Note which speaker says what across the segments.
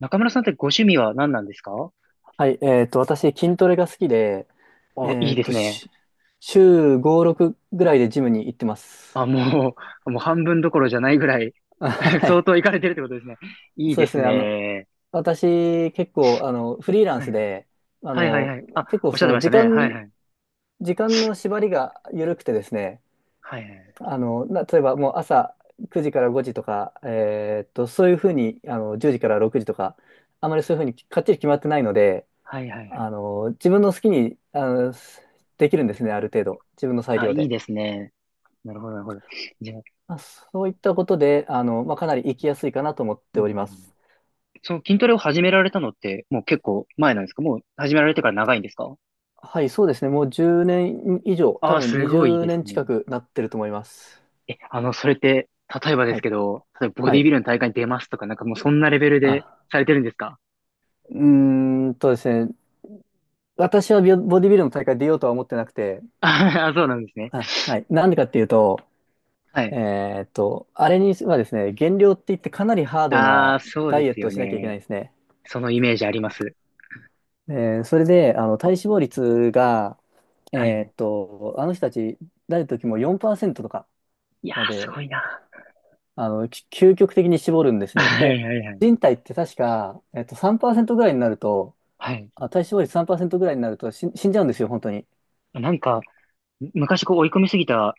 Speaker 1: 中村さんってご趣味は何なんですか？
Speaker 2: はい、私、筋トレが好きで、
Speaker 1: あ、
Speaker 2: え
Speaker 1: いい
Speaker 2: っ
Speaker 1: で
Speaker 2: と、
Speaker 1: すね。
Speaker 2: し週5、6ぐらいでジムに行ってます。
Speaker 1: あ、もう半分どころじゃないぐらい
Speaker 2: あ、 はい。
Speaker 1: 相当行かれてるってことですね。いい
Speaker 2: そ
Speaker 1: で
Speaker 2: うです
Speaker 1: す
Speaker 2: ね。
Speaker 1: ね。
Speaker 2: 私、結構、フリーラン
Speaker 1: は
Speaker 2: ス
Speaker 1: いはい。
Speaker 2: で、あ
Speaker 1: はいはい
Speaker 2: の、
Speaker 1: はい。あ、
Speaker 2: 結構、
Speaker 1: おっしゃっ
Speaker 2: そ
Speaker 1: て
Speaker 2: の、
Speaker 1: ました
Speaker 2: 時
Speaker 1: ね。はい
Speaker 2: 間、
Speaker 1: はい。
Speaker 2: 時間の縛りが緩くてですね、
Speaker 1: はいはい。
Speaker 2: 例えば、もう朝9時から5時とか、そういうふうに、10時から6時とか、あまりそういうふうにかっちり決まってないので、
Speaker 1: はいはいはい。
Speaker 2: 自分の好きに、できるんですね、ある程度。自分の裁
Speaker 1: あ、
Speaker 2: 量
Speaker 1: いい
Speaker 2: で。
Speaker 1: ですね。なるほどなるほど。じゃあ、
Speaker 2: まあ、そういったことで、まあ、かなり行きやすいかなと思っ
Speaker 1: う
Speaker 2: ており
Speaker 1: ん、
Speaker 2: ます。
Speaker 1: その筋トレを始められたのって、もう結構前なんですか？もう始められてから長いんですか？
Speaker 2: はい、そうですね。もう10年以上、
Speaker 1: あ
Speaker 2: 多
Speaker 1: あ、
Speaker 2: 分
Speaker 1: す
Speaker 2: 20
Speaker 1: ごいです
Speaker 2: 年近
Speaker 1: ね。
Speaker 2: くなってると思います。
Speaker 1: え、それって、例えばで
Speaker 2: は
Speaker 1: す
Speaker 2: い。
Speaker 1: けど、例えばボ
Speaker 2: は
Speaker 1: ディビ
Speaker 2: い。
Speaker 1: ルの大会に出ますとか、なんかもうそんなレベルで
Speaker 2: あ、
Speaker 1: されてるんですか？
Speaker 2: うーん、ですね。私はボディビルの大会出ようとは思ってなくて、
Speaker 1: あ、そうなんですね。
Speaker 2: あ、はい。なんでかっていうと、
Speaker 1: はい。
Speaker 2: あれにはですね、減量って言ってかなりハード
Speaker 1: あ
Speaker 2: な
Speaker 1: あ、そう
Speaker 2: ダ
Speaker 1: で
Speaker 2: イエッ
Speaker 1: す
Speaker 2: トを
Speaker 1: よ
Speaker 2: しなきゃいけない
Speaker 1: ね。
Speaker 2: んですね。
Speaker 1: そのイメージあります。
Speaker 2: それで、体脂肪率が、
Speaker 1: はい。
Speaker 2: あの人たち、誰の時も4%とか
Speaker 1: いや
Speaker 2: ま
Speaker 1: ー、す
Speaker 2: で
Speaker 1: ごいな。
Speaker 2: 究極的に絞るんで すね。
Speaker 1: は
Speaker 2: で、
Speaker 1: いはいはい。
Speaker 2: 人体って確か、3%ぐらいになると、
Speaker 1: はい。
Speaker 2: あ、体脂肪率3%ぐらいになると死んじゃうんですよ、本当に。
Speaker 1: なんか、昔こう追い込みすぎた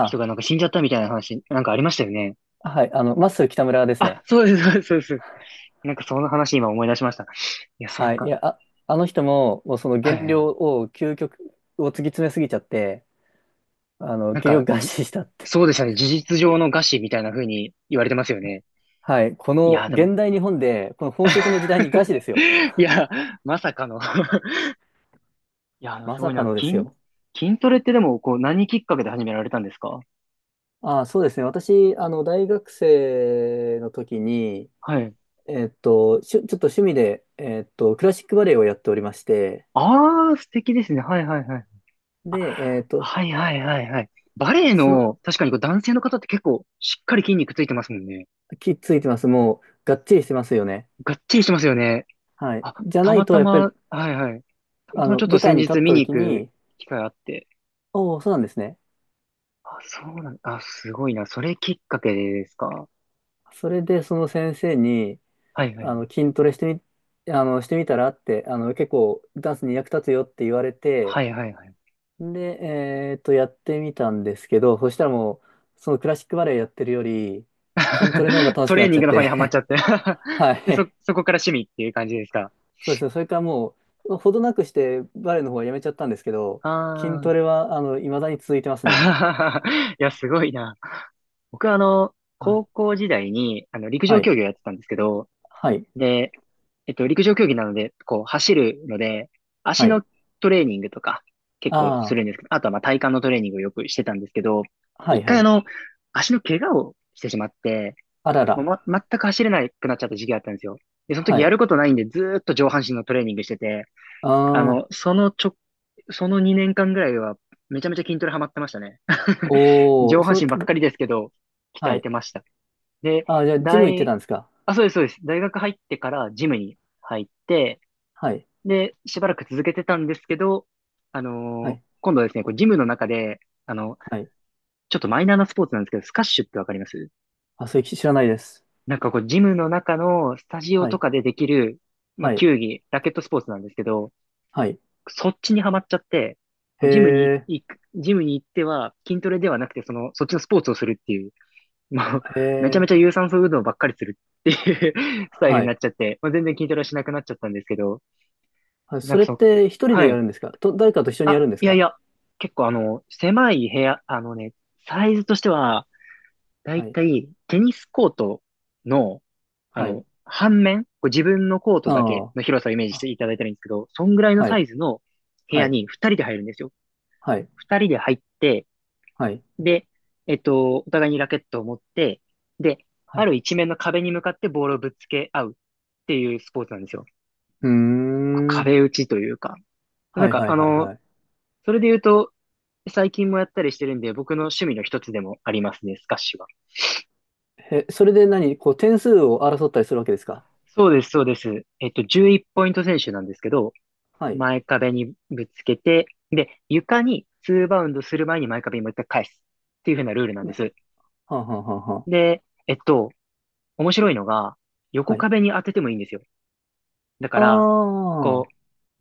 Speaker 1: 人がなんか死んじゃったみたいな話、なんかありましたよね。
Speaker 2: はい、マッスル北村です
Speaker 1: あ、
Speaker 2: ね。
Speaker 1: そうです、そうです、そうです。なんかその話今思い出しました。いや、そう
Speaker 2: はい、
Speaker 1: か。
Speaker 2: あの人も、もうその
Speaker 1: はい
Speaker 2: 減
Speaker 1: は
Speaker 2: 量
Speaker 1: い。
Speaker 2: を、究極を突き詰めすぎちゃって、
Speaker 1: なん
Speaker 2: 結
Speaker 1: か、
Speaker 2: 局餓死したって。
Speaker 1: そうでしたね。事実上の餓死みたいな風に言われてますよね。
Speaker 2: はい、こ
Speaker 1: い
Speaker 2: の
Speaker 1: やー、でも
Speaker 2: 現代日本で、この飽食の時代に餓死です よ。
Speaker 1: いや、まさかの いや、
Speaker 2: ま
Speaker 1: すご
Speaker 2: さ
Speaker 1: い
Speaker 2: か
Speaker 1: な。
Speaker 2: のです
Speaker 1: 筋、
Speaker 2: よ。
Speaker 1: 筋トレってでも、こう、何きっかけで始められたんですか？
Speaker 2: あ、そうですね。私、大学生の時に、
Speaker 1: はい。
Speaker 2: ちょっと趣味で、クラシックバレエをやっておりまして、
Speaker 1: ああ、素敵ですね。はいはいはい。あ、
Speaker 2: で、
Speaker 1: はいはいはいはい。バレエ
Speaker 2: そ、
Speaker 1: の、確かにこう男性の方って結構、しっかり筋肉ついてますもんね。
Speaker 2: きついてます。もう、がっちりしてますよね。
Speaker 1: がっちりしてますよね。
Speaker 2: はい。
Speaker 1: あ、
Speaker 2: じゃ
Speaker 1: た
Speaker 2: ない
Speaker 1: ま
Speaker 2: と、
Speaker 1: た
Speaker 2: やっぱり、
Speaker 1: ま、はいはい。たまたまちょっと
Speaker 2: 舞台
Speaker 1: 先
Speaker 2: に立っ
Speaker 1: 日
Speaker 2: た
Speaker 1: 見に行
Speaker 2: 時
Speaker 1: く
Speaker 2: に、
Speaker 1: 機会あって。
Speaker 2: おお、そうなんですね。
Speaker 1: あ、そうなん、あ、すごいな。それきっかけですか？
Speaker 2: それで、その先生に、
Speaker 1: はいはい
Speaker 2: あ
Speaker 1: はい。
Speaker 2: の、筋トレしてみ、あの、してみたらって、結構、ダンスに役立つよって言われ
Speaker 1: は
Speaker 2: て、
Speaker 1: いはいはい。
Speaker 2: で、やってみたんですけど、そしたらもう、そのクラシックバレエやってるより、筋トレの方が 楽し
Speaker 1: ト
Speaker 2: くな
Speaker 1: レー
Speaker 2: っち
Speaker 1: ニン
Speaker 2: ゃっ
Speaker 1: グの方にはまっち
Speaker 2: て、
Speaker 1: ゃって
Speaker 2: は
Speaker 1: で、そ、
Speaker 2: い。
Speaker 1: そこから趣味っていう感じですか？
Speaker 2: そうですね。それからもう、ほどなくしてバレエの方はやめちゃったんですけど、
Speaker 1: あ
Speaker 2: 筋
Speaker 1: あ。
Speaker 2: トレは、未だに続いてますね。
Speaker 1: いや、すごいな。僕は高
Speaker 2: は
Speaker 1: 校時代に、陸上
Speaker 2: い。
Speaker 1: 競技をやってたんですけど、
Speaker 2: はい。
Speaker 1: で、陸上競技なので、こう、走るので、
Speaker 2: は
Speaker 1: 足
Speaker 2: い。
Speaker 1: のトレーニングとか、結構す
Speaker 2: あ
Speaker 1: るんですけど、あとはまあ体幹のトレーニングをよくしてたんですけど、
Speaker 2: あー。はい。
Speaker 1: 一
Speaker 2: は
Speaker 1: 回
Speaker 2: い。
Speaker 1: 足の怪我をしてしまって、
Speaker 2: あら
Speaker 1: ま
Speaker 2: ら。
Speaker 1: 全く走れなくなっちゃった時期があったんですよ。で、その時
Speaker 2: は
Speaker 1: や
Speaker 2: い。
Speaker 1: ることないんで、ずーっと上半身のトレーニングしてて、
Speaker 2: あ
Speaker 1: あの、
Speaker 2: あ。
Speaker 1: そのちょ、その2年間ぐらいは、めちゃめちゃ筋トレハマってましたね。
Speaker 2: お
Speaker 1: 上
Speaker 2: ー。
Speaker 1: 半
Speaker 2: そ、
Speaker 1: 身ばっかりですけど、鍛
Speaker 2: は
Speaker 1: えて
Speaker 2: い。
Speaker 1: ました。で、
Speaker 2: ああ、じゃあ、ジム行って
Speaker 1: 大、
Speaker 2: たんですか。
Speaker 1: あ、そうです、そうです。大学入ってからジムに入って、
Speaker 2: はい。
Speaker 1: で、しばらく続けてたんですけど、
Speaker 2: はい。
Speaker 1: 今度はですね、こうジムの中で、あの、
Speaker 2: はい。
Speaker 1: ちょっとマイナーなスポーツなんですけど、スカッシュってわかります？
Speaker 2: あ、それ知らないです。
Speaker 1: なんかこう、ジムの中のスタジオ
Speaker 2: は
Speaker 1: と
Speaker 2: い。
Speaker 1: かでできる、まあ、
Speaker 2: はい。
Speaker 1: 球技、ラケットスポーツなんですけど、
Speaker 2: はい。
Speaker 1: そっちにはまっちゃって、
Speaker 2: へ
Speaker 1: ジムに
Speaker 2: え。
Speaker 1: 行く、ジムに行っては筋トレではなくて、その、そっちのスポーツをするっていう、もう、
Speaker 2: へ
Speaker 1: めちゃめ
Speaker 2: え。
Speaker 1: ちゃ有酸素運動ばっかりするっていう スタイル
Speaker 2: は
Speaker 1: にな
Speaker 2: い。
Speaker 1: っちゃって、まあ、全然筋トレはしなくなっちゃったんですけど、
Speaker 2: あ、
Speaker 1: な
Speaker 2: そ
Speaker 1: んか
Speaker 2: れって一人
Speaker 1: は
Speaker 2: でや
Speaker 1: い。
Speaker 2: るんですか、と、誰かと一緒にや
Speaker 1: あ、
Speaker 2: るんです
Speaker 1: いやい
Speaker 2: か？
Speaker 1: や、結構狭い部屋、サイズとしては、だ
Speaker 2: は
Speaker 1: い
Speaker 2: い。
Speaker 1: たいテニスコートの、
Speaker 2: はい。
Speaker 1: 半面、こう自分のコートだけ
Speaker 2: あ
Speaker 1: の広さをイメージ
Speaker 2: あ。
Speaker 1: し
Speaker 2: あ、
Speaker 1: ていただいたらいいんですけど、そんぐらいの
Speaker 2: は
Speaker 1: サ
Speaker 2: い。
Speaker 1: イズの部
Speaker 2: は
Speaker 1: 屋
Speaker 2: い。
Speaker 1: に2人で入るんですよ。
Speaker 2: はい。
Speaker 1: 二人で入って、
Speaker 2: はい。
Speaker 1: で、お互いにラケットを持って、で、
Speaker 2: は
Speaker 1: あ
Speaker 2: い。
Speaker 1: る一面の壁に向かってボールをぶつけ合うっていうスポーツなんですよ。
Speaker 2: うーん。
Speaker 1: 壁打ちというか。な
Speaker 2: は
Speaker 1: ん
Speaker 2: い
Speaker 1: か、
Speaker 2: はいはいはい。
Speaker 1: それで言うと、最近もやったりしてるんで、僕の趣味の一つでもありますね、スカッシュは。
Speaker 2: え、それで何こう点数を争ったりするわけですか？
Speaker 1: そうです、そうです。11ポイント選手なんですけど、
Speaker 2: はい。
Speaker 1: 前壁にぶつけて、で、床に2バウンドする前に前壁にもう一回返すっていう風なルールなんで
Speaker 2: な、
Speaker 1: す。
Speaker 2: はんはんはんはん。
Speaker 1: で、面白いのが、
Speaker 2: は
Speaker 1: 横
Speaker 2: い。
Speaker 1: 壁に当ててもいいんですよ。だか
Speaker 2: あ
Speaker 1: ら、こ
Speaker 2: あ。
Speaker 1: う、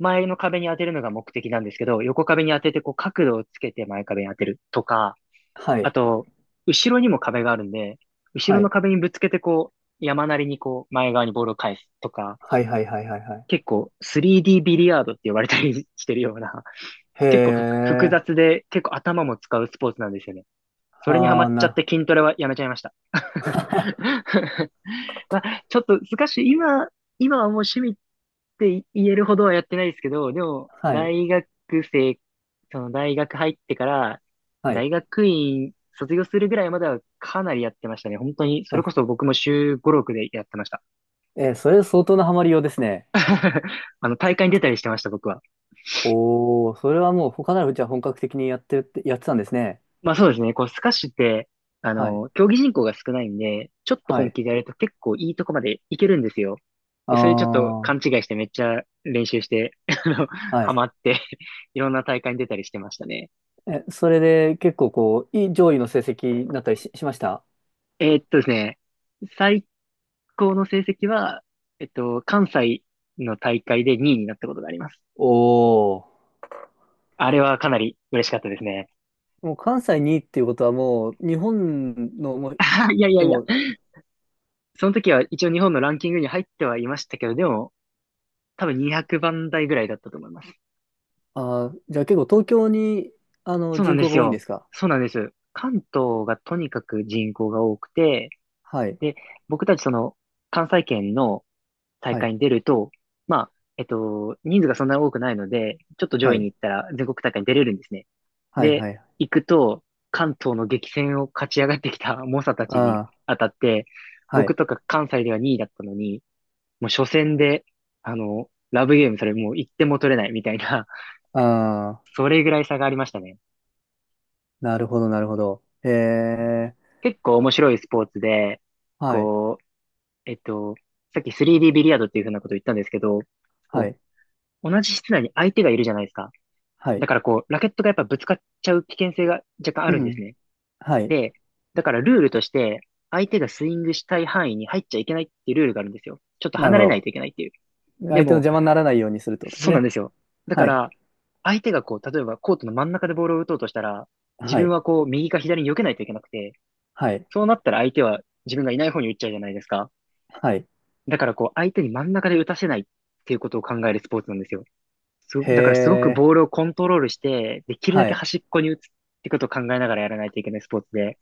Speaker 1: 前の壁に当てるのが目的なんですけど、横壁に当てて、こう、角度をつけて前壁に当てるとか、
Speaker 2: は
Speaker 1: あ
Speaker 2: い。
Speaker 1: と、後ろにも壁があるんで、後
Speaker 2: は
Speaker 1: ろの
Speaker 2: い。
Speaker 1: 壁にぶつけて、こう、山なりにこう、前側にボールを返すとか、
Speaker 2: はいはいはいはいはい。
Speaker 1: 結構 3D ビリヤードって呼ばれたりしてるような、
Speaker 2: へ
Speaker 1: 結構複
Speaker 2: え。
Speaker 1: 雑で、結構頭も使うスポーツなんですよね。それにハ
Speaker 2: あ
Speaker 1: マ
Speaker 2: あ、
Speaker 1: っちゃ
Speaker 2: な
Speaker 1: っ
Speaker 2: る。
Speaker 1: て筋トレはやめちゃいました。まあ、ちょっと難しい。今はもう趣味って言えるほどはやってないですけど、でも、
Speaker 2: はい。
Speaker 1: 大学生、その大学入ってから、
Speaker 2: はい。
Speaker 1: 大学院卒業するぐらいまではかなりやってましたね。本当に、それこそ
Speaker 2: あ、
Speaker 1: 僕も週五六でやってました。
Speaker 2: えー、それ相当なハマりようですね。
Speaker 1: 大会に出たりしてました、僕は。
Speaker 2: おお、それはもう他ならじゃあ本格的にやってるって、やってたんですね。
Speaker 1: まあそうですね。こう、スカッシュって、
Speaker 2: はい。
Speaker 1: 競技人口が少ないんで、ちょっと
Speaker 2: は
Speaker 1: 本
Speaker 2: い。
Speaker 1: 気でやると結構いいとこまでいけるんですよ。
Speaker 2: あ
Speaker 1: で、それちょっと勘違
Speaker 2: あ。
Speaker 1: いしてめっちゃ練習して、あの、
Speaker 2: は
Speaker 1: ハ
Speaker 2: い。
Speaker 1: マって いろんな大会に出たりしてましたね。
Speaker 2: え、それで結構こう、いい上位の成績になったりし、しました？
Speaker 1: ですね、最高の成績は、関西の大会で2位になったことがあります。
Speaker 2: おお
Speaker 1: あれはかなり嬉しかったですね。
Speaker 2: ー。もう関西にいっていうことはもう、日本の、もう、
Speaker 1: いやいや
Speaker 2: で
Speaker 1: いや、
Speaker 2: も、
Speaker 1: その時は一応日本のランキングに入ってはいましたけど、でも多分200番台ぐらいだったと思います。
Speaker 2: あー、じゃあ結構東京に、
Speaker 1: そうなん
Speaker 2: 人
Speaker 1: で
Speaker 2: 口が
Speaker 1: す
Speaker 2: 多いん
Speaker 1: よ。
Speaker 2: ですか？
Speaker 1: そうなんです。関東がとにかく人口が多くて、
Speaker 2: はい。
Speaker 1: で、僕たちその関西圏の大
Speaker 2: はい。
Speaker 1: 会に出ると、まあ、人数がそんなに多くないので、ちょっと上
Speaker 2: は
Speaker 1: 位に
Speaker 2: い。
Speaker 1: 行ったら全国大会に出れるんですね。
Speaker 2: はい。
Speaker 1: で、
Speaker 2: はい。
Speaker 1: 行くと、関東の激戦を勝ち上がってきた猛者たちに
Speaker 2: あ
Speaker 1: 当たって、
Speaker 2: あ、は
Speaker 1: 僕
Speaker 2: い。
Speaker 1: とか関西では2位だったのに、もう初戦で、ラブゲームそれもう1点も取れないみたいな、
Speaker 2: ああ、
Speaker 1: それぐらい差がありましたね。
Speaker 2: なるほど、なるほど。へえ、
Speaker 1: 結構面白いスポーツで、
Speaker 2: はい。
Speaker 1: こう、えっと、さっき 3D ビリヤードっていうふうなことを言ったんですけど、
Speaker 2: は
Speaker 1: こ
Speaker 2: い。
Speaker 1: う、同じ室内に相手がいるじゃないですか。
Speaker 2: は
Speaker 1: だ
Speaker 2: い。
Speaker 1: からこう、ラケットがやっぱぶつかっちゃう危険性が若干あ
Speaker 2: う
Speaker 1: るんです
Speaker 2: ん。
Speaker 1: ね。
Speaker 2: はい。
Speaker 1: で、だからルールとして、相手がスイングしたい範囲に入っちゃいけないっていうルールがあるんですよ。ちょっと
Speaker 2: なる
Speaker 1: 離
Speaker 2: ほ
Speaker 1: れな
Speaker 2: ど。
Speaker 1: いといけないっていう。で
Speaker 2: 相手の
Speaker 1: も、
Speaker 2: 邪魔にならないようにするってことです
Speaker 1: そうなん
Speaker 2: ね。
Speaker 1: ですよ。だか
Speaker 2: はい。
Speaker 1: ら、相手がこう、例えばコートの真ん中でボールを打とうとしたら、自
Speaker 2: は
Speaker 1: 分
Speaker 2: い。
Speaker 1: はこう、右か左に避けないといけなくて、
Speaker 2: はい。
Speaker 1: そうなったら相手は自分がいない方に打っちゃうじゃないですか。
Speaker 2: はい。
Speaker 1: だからこう、相手に真ん中で打たせないっていうことを考えるスポーツなんですよ。
Speaker 2: へ
Speaker 1: だからすごく
Speaker 2: え、
Speaker 1: ボールをコントロールして、できるだ
Speaker 2: は
Speaker 1: け
Speaker 2: い。
Speaker 1: 端っこに打つってことを考えながらやらないといけないスポーツで、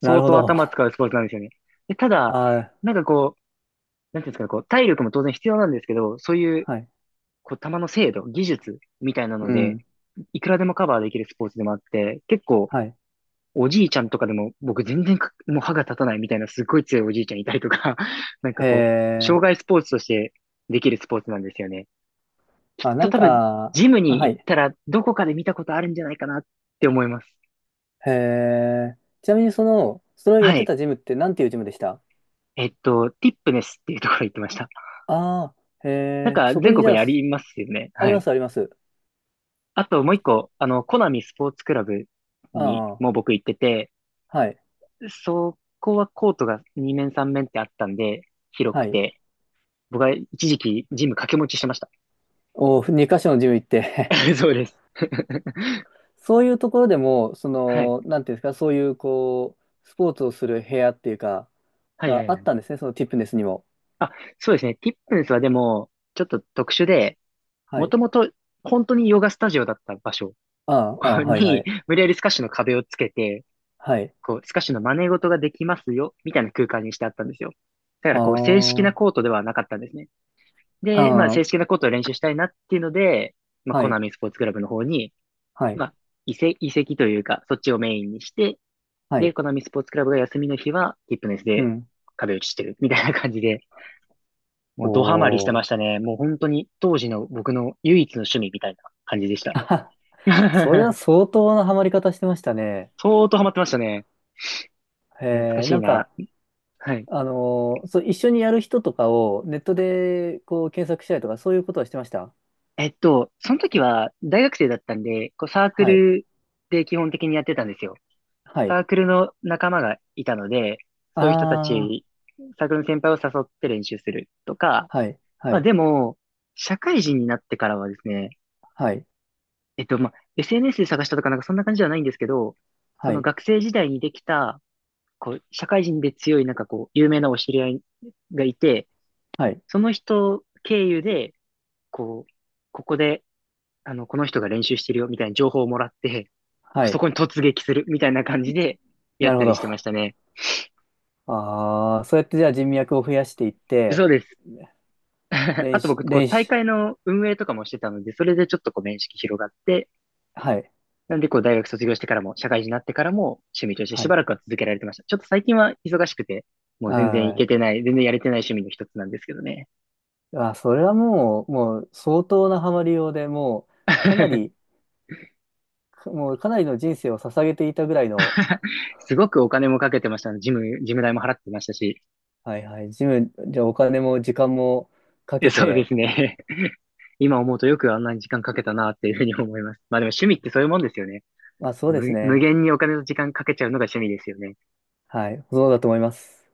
Speaker 2: な
Speaker 1: 相
Speaker 2: るほ
Speaker 1: 当
Speaker 2: ど。
Speaker 1: 頭使うスポーツなんですよね。で、ただ、
Speaker 2: あ、
Speaker 1: なんかこう、なんていうんですかね、こう、体力も当然必要なんですけど、そういう、
Speaker 2: はい。
Speaker 1: こう、球の精度、技術みたいなの
Speaker 2: う
Speaker 1: で、
Speaker 2: ん。
Speaker 1: いくらでもカバーできるスポーツでもあって、結構、
Speaker 2: はい。
Speaker 1: おじいちゃんとかでも、僕全然かもう歯が立たないみたいなすっごい強いおじいちゃんいたりとか、なんか
Speaker 2: へ
Speaker 1: こう、障
Speaker 2: え。
Speaker 1: 害スポーツとしてできるスポーツなんですよね。きっ
Speaker 2: あ、な
Speaker 1: と
Speaker 2: ん
Speaker 1: 多分、
Speaker 2: か、
Speaker 1: ジム
Speaker 2: あ、
Speaker 1: に
Speaker 2: は
Speaker 1: 行っ
Speaker 2: い。
Speaker 1: たらどこかで見たことあるんじゃないかなって思います。
Speaker 2: へえ。ちなみにその、それをやっ
Speaker 1: は
Speaker 2: て
Speaker 1: い。
Speaker 2: たジムってなんていうジムでした？
Speaker 1: ティップネスっていうところ行ってました。
Speaker 2: ああー、へ
Speaker 1: なん
Speaker 2: え。
Speaker 1: か
Speaker 2: そこ
Speaker 1: 全
Speaker 2: にじ
Speaker 1: 国
Speaker 2: ゃ
Speaker 1: に
Speaker 2: あ、
Speaker 1: ありますよね。
Speaker 2: あ
Speaker 1: は
Speaker 2: りま
Speaker 1: い。
Speaker 2: す、あります。
Speaker 1: あともう一個、あの、コナミスポーツクラブに
Speaker 2: あ
Speaker 1: も
Speaker 2: あ、
Speaker 1: 僕行ってて、
Speaker 2: はい。
Speaker 1: そこはコートが2面3面ってあったんで、広
Speaker 2: は
Speaker 1: く
Speaker 2: い。
Speaker 1: て、僕は一時期ジム掛け持ちしてました。
Speaker 2: お、2箇所のジム行って？
Speaker 1: そうです。
Speaker 2: そういうところでも、そ
Speaker 1: はい。
Speaker 2: の、なんていうんですか、そういう、こう、スポーツをする部屋っていうか、
Speaker 1: はいは
Speaker 2: が
Speaker 1: い
Speaker 2: あ
Speaker 1: は
Speaker 2: っ
Speaker 1: い。
Speaker 2: たんですね、そのティップネスにも。
Speaker 1: あ、そうですね。ティップンスはでも、ちょっと特殊で、
Speaker 2: は
Speaker 1: も
Speaker 2: い。
Speaker 1: ともと本当にヨガスタジオだった場所
Speaker 2: ああ、ああ、はい、は
Speaker 1: に、
Speaker 2: い。
Speaker 1: 無理やりスカッシュの壁をつけて、
Speaker 2: はい。
Speaker 1: こう、スカッシュの真似事ができますよ、みたいな空間にしてあったんですよ。だか
Speaker 2: あ
Speaker 1: らこう、正式な
Speaker 2: あ、
Speaker 1: コートではなかったんですね。で、まあ、
Speaker 2: あ
Speaker 1: 正
Speaker 2: あ、
Speaker 1: 式なコートを練習したいなっていうので、まあ、
Speaker 2: は
Speaker 1: コナ
Speaker 2: い。
Speaker 1: ミスポーツクラブの方に、
Speaker 2: は
Speaker 1: ま
Speaker 2: い。
Speaker 1: あ、移籍というか、そっちをメインにして、
Speaker 2: は
Speaker 1: で、
Speaker 2: い。
Speaker 1: このみスポーツクラブが休みの日は、ティップネス
Speaker 2: う
Speaker 1: で
Speaker 2: ん。
Speaker 1: 壁打ちしてる、みたいな感じで、もうドハマりして
Speaker 2: お
Speaker 1: ま
Speaker 2: ー。
Speaker 1: したね。もう本当に当時の僕の唯一の趣味みたいな感じでした。
Speaker 2: あはは。それは 相当なハマり方してましたね。
Speaker 1: 相当ハマってましたね。いや懐か
Speaker 2: えー、
Speaker 1: し
Speaker 2: な
Speaker 1: い
Speaker 2: ん
Speaker 1: な。
Speaker 2: か、
Speaker 1: はい。
Speaker 2: あのーそう、一緒にやる人とかをネットでこう検索したりとか、そういうことはしてました？
Speaker 1: その時は大学生だったんで、こうサーク
Speaker 2: はい。
Speaker 1: ルで基本的にやってたんですよ。
Speaker 2: は
Speaker 1: サ
Speaker 2: い。
Speaker 1: ークルの仲間がいたので、そういう人た
Speaker 2: ああ、
Speaker 1: ち、サークルの先輩を誘って練習するとか、
Speaker 2: はい。は
Speaker 1: まあ
Speaker 2: い。
Speaker 1: でも、社会人になってからはですね、
Speaker 2: はい。
Speaker 1: まあ、SNS で探したとかなんかそんな感じではないんですけど、そ
Speaker 2: は
Speaker 1: の
Speaker 2: い。
Speaker 1: 学生時代にできた、こう、社会人で強いなんかこう、有名なお知り合いがいて、
Speaker 2: はい。
Speaker 1: その人経由で、こう、ここで、あの、この人が練習してるよみたいな情報をもらって、こ
Speaker 2: は
Speaker 1: うそ
Speaker 2: い。
Speaker 1: こに突撃するみたいな感じでや
Speaker 2: な
Speaker 1: っ
Speaker 2: るほ
Speaker 1: たりしてまし
Speaker 2: ど。
Speaker 1: たね。
Speaker 2: ああ、そうやってじゃあ人脈を増やしていっ
Speaker 1: そ
Speaker 2: て、
Speaker 1: うです。あ
Speaker 2: 練
Speaker 1: と
Speaker 2: 習、
Speaker 1: 僕、こう、
Speaker 2: 練
Speaker 1: 大
Speaker 2: 習、
Speaker 1: 会の運営とかもしてたので、それでちょっとこう、面識広がって、
Speaker 2: はい。
Speaker 1: なんで、こう、大学卒業してからも、社会人になってからも、趣味として
Speaker 2: は
Speaker 1: しば
Speaker 2: い。
Speaker 1: らくは続けられてました。ちょっと最近は忙しくて、もう全然行
Speaker 2: あー。
Speaker 1: けてない、全然やれてない趣味の一つなんですけどね。
Speaker 2: あー、それはもう、もう相当なハマりようで、もう、かなり、か、もうかなりの人生を捧げていたぐらいの、
Speaker 1: すごくお金もかけてました。ジム代も払ってましたし。
Speaker 2: はいはい、ジム、じゃあお金も時間もか
Speaker 1: え
Speaker 2: け
Speaker 1: そうで
Speaker 2: て、
Speaker 1: すね。今思うとよくあんなに時間かけたなっていうふうに思います。まあでも趣味ってそういうもんですよね。
Speaker 2: まあそうです
Speaker 1: 無、無
Speaker 2: ね。
Speaker 1: 限にお金と時間かけちゃうのが趣味ですよね。
Speaker 2: はい、そうだと思います。